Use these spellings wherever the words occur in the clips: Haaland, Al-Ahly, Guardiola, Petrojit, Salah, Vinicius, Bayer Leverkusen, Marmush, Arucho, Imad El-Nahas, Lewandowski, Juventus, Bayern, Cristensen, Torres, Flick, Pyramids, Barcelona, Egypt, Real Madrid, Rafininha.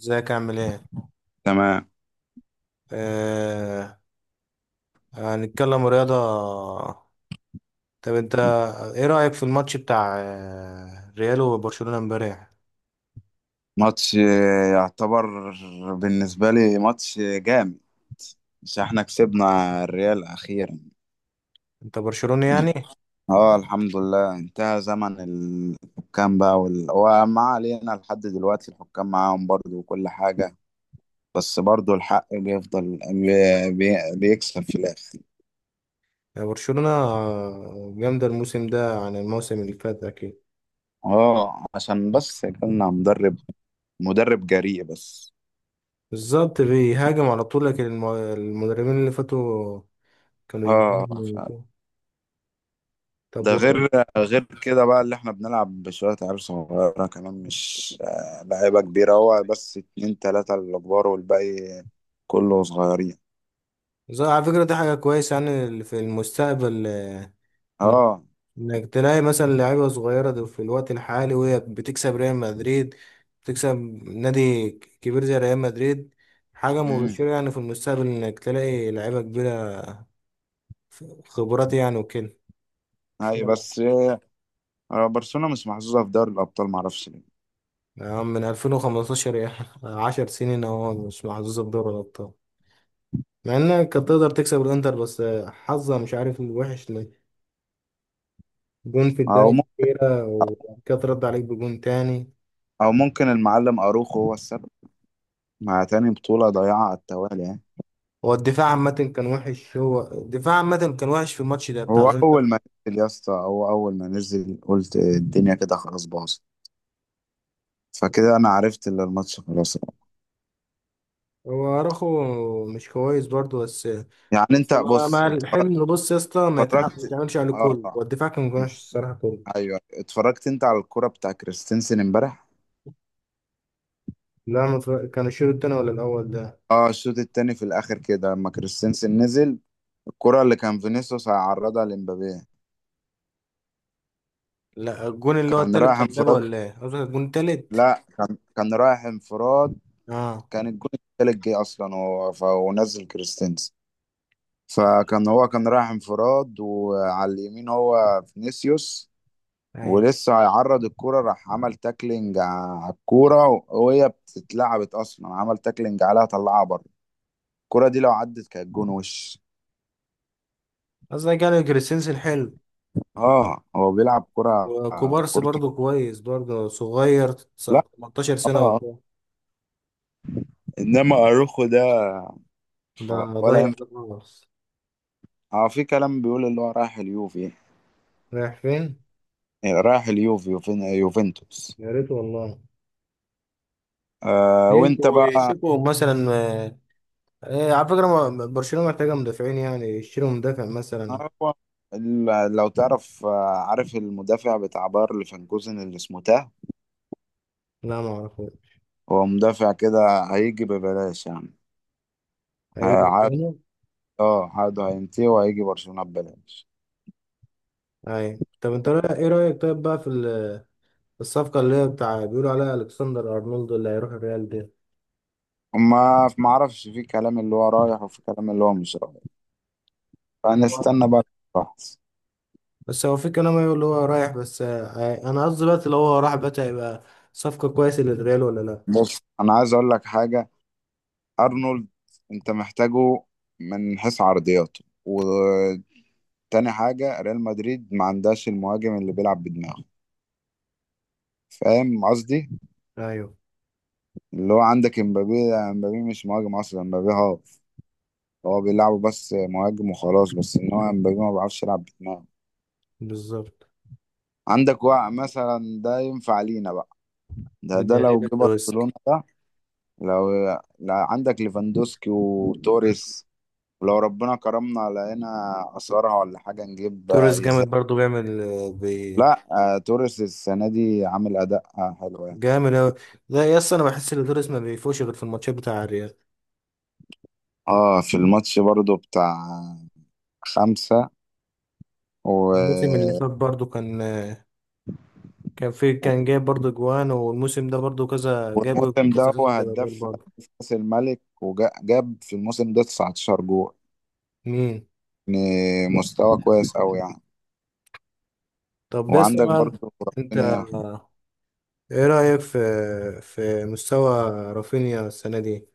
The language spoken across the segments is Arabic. ازيك عامل ايه؟ تمام. آه. هنتكلم رياضة. طب انت ايه رأيك في الماتش بتاع ريال وبرشلونة امبارح؟ ماتش يعتبر، بالنسبة لي، ماتش جامد، بس احنا كسبنا الريال أخيرا. انت برشلوني يعني؟ اه، الحمد لله انتهى زمن الحكام بقى، وما علينا، لحد دلوقتي الحكام معاهم برضو وكل حاجة. بس برضو الحق بيفضل بيكسب في الآخر. يا برشلونة جامدة الموسم ده عن الموسم اللي فات اكيد. اه، عشان بس جالنا مدرب، مدرب جريء بس. بالظبط بيهاجم على طول، لكن المدربين اللي فاتوا كانوا مش اه، بيهاجموا وكده. طب ده و- غير كده بقى اللي احنا بنلعب بشوية عيال صغيرة، كمان مش لعيبة كبيرة، هو بس اتنين تلاتة الكبار والباقي كله صغيرين. على فكرة دي حاجة كويسة يعني في المستقبل، اه. انك تلاقي مثلا لعيبه صغيره في الوقت الحالي وهي بتكسب ريال مدريد، بتكسب نادي كبير زي ريال مدريد. حاجه امم مبشره يعني في المستقبل انك تلاقي لعيبه كبيره خبرات يعني وكده. هاي يلا. بس. برشلونة مش محظوظة في دوري الأبطال، معرفش ليه. يا عم من 2015 يعني 10 سنين اهو مش محظوظه بدوري الابطال، مع انك كانت تقدر تكسب الانتر، بس حظها مش عارف الوحش ليه. جون في الدقيقه أو ممكن الاخيره وبعد كده ترد عليك بجون تاني. أو ممكن المعلم أروخو هو السبب، مع تاني بطولة ضايعة على التوالي يعني. هو الدفاع عامة كان وحش، هو الدفاع عامة كان وحش في الماتش ده بتاع هو الانتر. أول ما هو أول ما نزل قلت الدنيا كده خلاص باظت، فكده أنا عرفت إن الماتش خلاص. هو اراخو مش كويس برضو، بس يعني أنت بس مع بص، مع اتفرجت؟ الحمل، بص يا اسطى، ما اتفرجت- يتعملش عليه كل. اه، هو الدفاع كان وحش الصراحة كله. ايوه، اتفرجت انت على الكرة بتاع كريستنسن امبارح؟ لا ما اتفرج- كان الشوط التاني ولا الأول ده؟ اه، الشوط التاني في الاخر كده لما كريستنسن نزل، الكرة اللي كان فينيسيوس هيعرضها لمبابي، لا، الجون اللي هو كان التالت رايح بتاع مبابي، انفراد. ولا ايه قصدك؟ الجون التالت. لا، كان رايح انفراد. اه. كان الجون التالت جه اصلا ونزل كريستنسن، فكان هو كان رايح انفراد وعلى اليمين هو فينيسيوس، ايوه. ولسه هيعرض الكرة، راح عمل تاكلينج على الكورة وهي بتتلعبت اصلا، عمل تاكلينج عليها طلعها بره. الكرة دي لو عدت كانت جون وش. قصدك يعني كريستنسن حلو؟ اه، هو بيلعب كرة. وكوبارسي كورته. برضو كويس، برضو صغير، لا. 19 اه. سنة آه. وكده. انما اروخو ده، ده ولا ضيع ينفع. ده خالص. اه، في كلام بيقول اللي هو رايح اليوفي. رايح فين؟ رايح اليوفي، يوفنتوس. يا ريت والله. آه، وانت شيكو بقى؟ شيكو مثلا على فكرة برشلونة محتاجة مدافعين، يعني يشتروا مدافع مثلا. هو لو تعرف، عارف المدافع بتاع باير ليفركوزن اللي اسمه تاه؟ لا ما اعرفه. هو مدافع كده هيجي ببلاش يعني. اي عاد، برشلونة. اه، عقده هينتهي وهيجي برشلونة ببلاش. اي، طب انت ايه رأيك طيب بقى في الصفقة اللي هي بتاع بيقولوا عليها الكسندر ارنولد اللي هيروح الريال دي؟ ما اعرفش، في كلام اللي هو رايح وفي كلام اللي هو مش رايح، فنستنى بقى الفحص. بس هو في كلام يقول اللي هو رايح، بس انا قصدي دلوقتي لو هو راح بقى هيبقى صفقة كويسة للريال ولا لا؟ بص، انا عايز اقول لك حاجه. ارنولد، انت محتاجه من حيث عرضياته. وتاني حاجه، ريال مدريد ما عندهاش المهاجم اللي بيلعب بدماغه، فاهم قصدي؟ ايوه. اللي هو عندك امبابي، لا، امبابي مش مهاجم اصلا، امبابي هاف. هو بيلعبه بس مهاجم وخلاص، بس ان هو امبابي ما بيعرفش يلعب بدماغه. بالظبط. عندك وقع مثلا، ده ينفع لينا بقى، ده بالنسبة لي لو جه برشلونه، ده لو لا، عندك ليفاندوسكي وتوريس، ولو ربنا كرمنا لقينا اثارها ولا حاجه نجيب توريس ازاي. جامد برضو، بيعمل لا، آه، توريس السنه دي عامل اداء حلو يعني. جامد أوي. لا يا اسطى، أنا بحس إن دوريس ما بيفوش غير في الماتشات بتاع الريال. اه، في الماتش برضو بتاع خمسة الموسم اللي و... فات برضه كان، كان في كان جايب برضه جوان، والموسم ده برضه كذا، جاب والموسم كذا ده هو جون ده غير هداف برضه. هداف كأس الملك وجاب في الموسم ده 19 جول، مين؟ يعني مستوى كويس أوي يعني. طب يا اسطى وعندك بقى، برضو أنت رافينيا. إيه رأيك في مستوى رافينيا السنة دي؟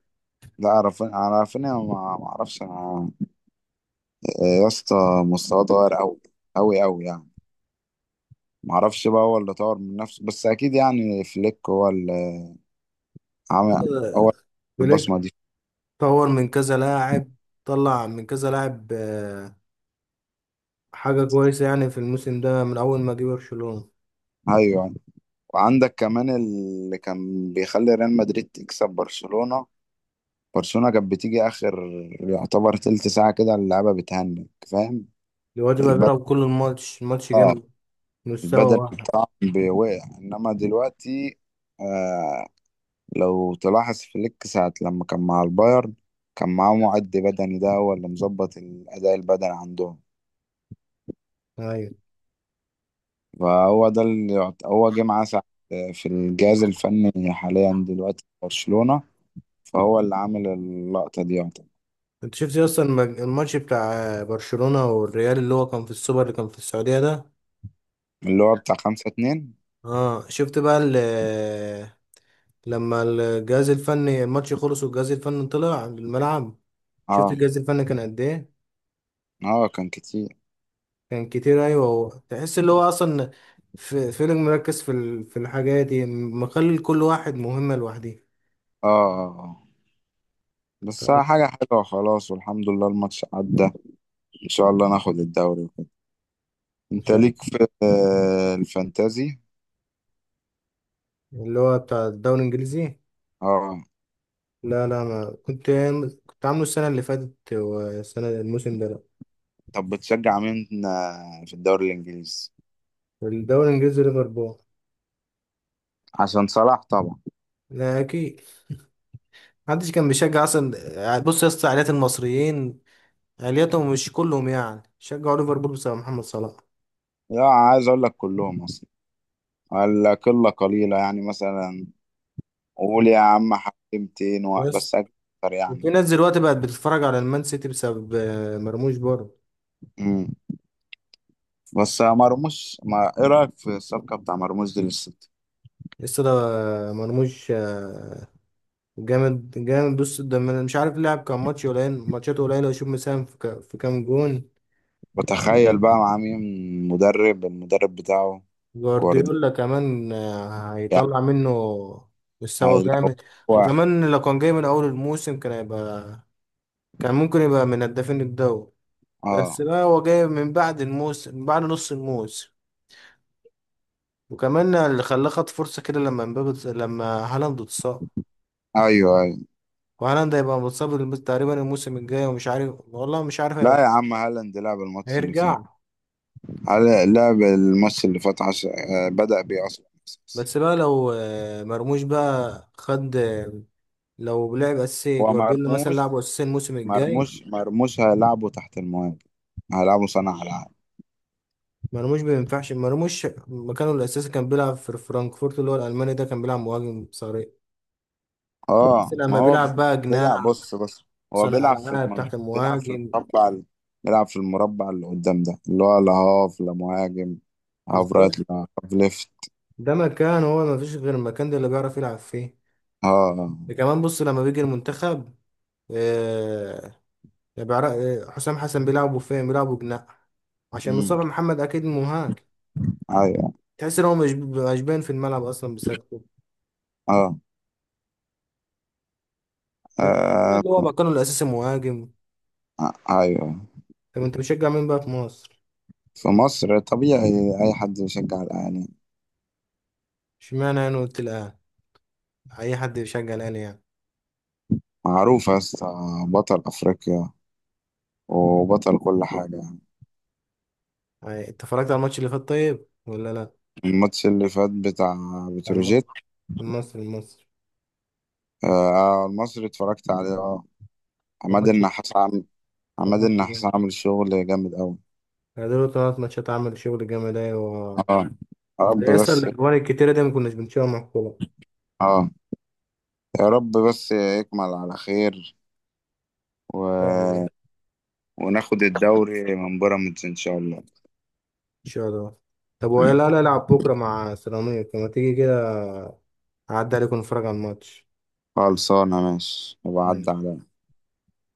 لا، رافينيا، ما اعرفش انا، يا اسطى، مستواه اتغير أوي أوي أوي يعني. معرفش بقى، هو اللي طور من نفسه، بس اكيد يعني فليك هو اللي عمل هو فليك البصمه دي. طور من كذا لاعب، طلع من كذا لاعب، حاجة كويسة يعني في الموسم ده من أول ما جه برشلونة. ايوه، وعندك كمان اللي كان بيخلي ريال مدريد تكسب برشلونه. برشلونه كانت بتيجي اخر، يعتبر تلت ساعه كده اللعبه بتهنج، فاهم؟ الواد بقى البدل بيلعب كل الماتش، ماتش اه جامد، مستوى البدل واحد. بتاعهم بيوقع، انما دلوقتي، آه لو تلاحظ فليك ساعه لما كان مع البايرن، كان معاه معد بدني، ده هو اللي مظبط الاداء البدني عندهم. أيوة. فهو ده اللي يعت- هو جه معاه ساعة في الجهاز الفني حاليا دلوقتي في برشلونة، فهو اللي عامل اللقطة دي يعتبر. انت شفت اصلا الماتش بتاع برشلونة والريال اللي هو كان في السوبر اللي كان في السعودية ده؟ اللي هو بتاع خمسة اتنين. اه شفت بقى لما الجهاز الفني الماتش خلص والجهاز الفني طلع الملعب، شفت اه. الجهاز الفني كان قد ايه. اه، كان كتير. كان كتير ايوه. هو تحس اللي هو اصلا في فيلم مركز في الحاجة دي، مخلي كل واحد مهمة لوحده. اه. آه. آه. بس طبعاً. حاجة حلوة، خلاص والحمد لله الماتش عدى، ان شاء الله ناخد الدوري وكده. ان انت شاء ليك في الفانتازي؟ الله، اللي هو بتاع الدوري الانجليزي؟ اه. لا، لا، ما كنت، كنت عامله السنة اللي فاتت، والسنة الموسم ده لا. طب بتشجع مين في الدوري الانجليزي؟ الدوري الانجليزي ليفربول. عشان صلاح طبعا. لا اكيد، محدش كان بيشجع اصلا. بص يا اسطى، عائلات المصريين، عائلتهم مش كلهم يعني شجعوا ليفربول بسبب محمد صلاح؟ لا، عايز اقول لك كلهم اصلا، ولا قلة قليلة يعني، مثلا قول يا عم حكمتين بس. بس اكتر يعني. وفي ناس دلوقتي بقت بتتفرج على المان سيتي بسبب مرموش برضه. امم بس مرموش، ما ايه رايك في الصفقه بتاع مرموش دي للسيتي؟ لسه ده مرموش جامد جامد. بص ده مش عارف لعب كام ماتش، قليل ماتشاته قليله، ويشوف مساهم في كام جون. بتخيل بقى مع مين؟ المدرب بتاعه جوارديولا. جوارديولا كمان هيطلع منه مستوى يعني لو جامد. هو، وكمان لو كان جاي من اول الموسم، كان هيبقى، كان ممكن يبقى من هدافين الدوري. بس اه، بقى هو جاي من بعد الموسم، من بعد نص الموسم. وكمان اللي خلاه خد فرصة كده لما لما هالاند اتصاب. ايوه، ايوه. وهالاند هيبقى متصاب تقريبا الموسم الجاي، ومش عارف والله مش عارف هيبقى، لا يا عم، هالاند لعب الماتش اللي فات. هيرجع. هل لعب الماتش اللي فات عش... آه، بدأ بيه اصلا أساسي. بس بقى لو مرموش بقى خد لو لعب أساسي، هو جوارديولا مثلا مرموش لعبه أساسي الموسم الجاي، مرموش مرموش هيلعبه تحت المهاجم، هيلعبه صانع العاب. مرموش ما ينفعش. مرموش مكانه الأساسي، كان بيلعب في فرانكفورت اللي هو الألماني ده، كان بيلعب مهاجم صريح. اه، بس ما لما هو بيلعب بقى بيلعب، جناح، بص بص. هو صانع بيلعب في العاب المنطقة، تحت بيلعب في المهاجم. المربع ال- بيلعب في المربع اللي قدام ده، اللي هو لا هاف لا مهاجم، هاف رايت بالظبط. لا، هاف ليفت. ده مكان، هو ما فيش غير المكان ده اللي بيعرف يلعب فيه. اه. آه. ده كمان بص لما بيجي المنتخب، آه، بيعرف حسام حسن بيلعبوا فين؟ بيلعبوا جناح عشان امم مصطفى محمد اكيد مهاجم. ايوه. تحس ان هو مش باين في الملعب اصلا بسببه. اه. فانا شايف آه، إن هو مكانه الاساسي مهاجم. ايوه. طب انت بتشجع مين بقى في مصر؟ في مصر طبيعي اي حد يشجع الاهلي. اشمعنى انا قلت الاهلي؟ اي حد بيشجع الاهلي يعني. معروف يا اسطى، بطل افريقيا وبطل كل حاجه يعني. يعني انت اتفرجت على الماتش اللي فات طيب ولا لا؟ الماتش اللي فات بتاع على الماتش بتروجيت. المصري، المصري. آه، المصري اتفرجت عليه، اه. عماد الماتش النحاس عماد الماتش ده النحاس عامل شغل جامد أوي. يعني، دول ثلاث ماتشات عملوا شغل جامد. أيوة. اه، يا رب ده يسطا بس. الأجوان الكتيرة دي ما كناش بنشوفها مع الكورة. اه، يا رب بس يكمل على خير إن شاء الله. و... وناخد الدوري من بيراميدز إن شاء الله. إن شاء الله. طب مم. ولا لا، ألعب بكرة مع سيراميكا، ما تيجي كده أعدي عليكم، نتفرج على الماتش. خلصانة ماشي وبعد على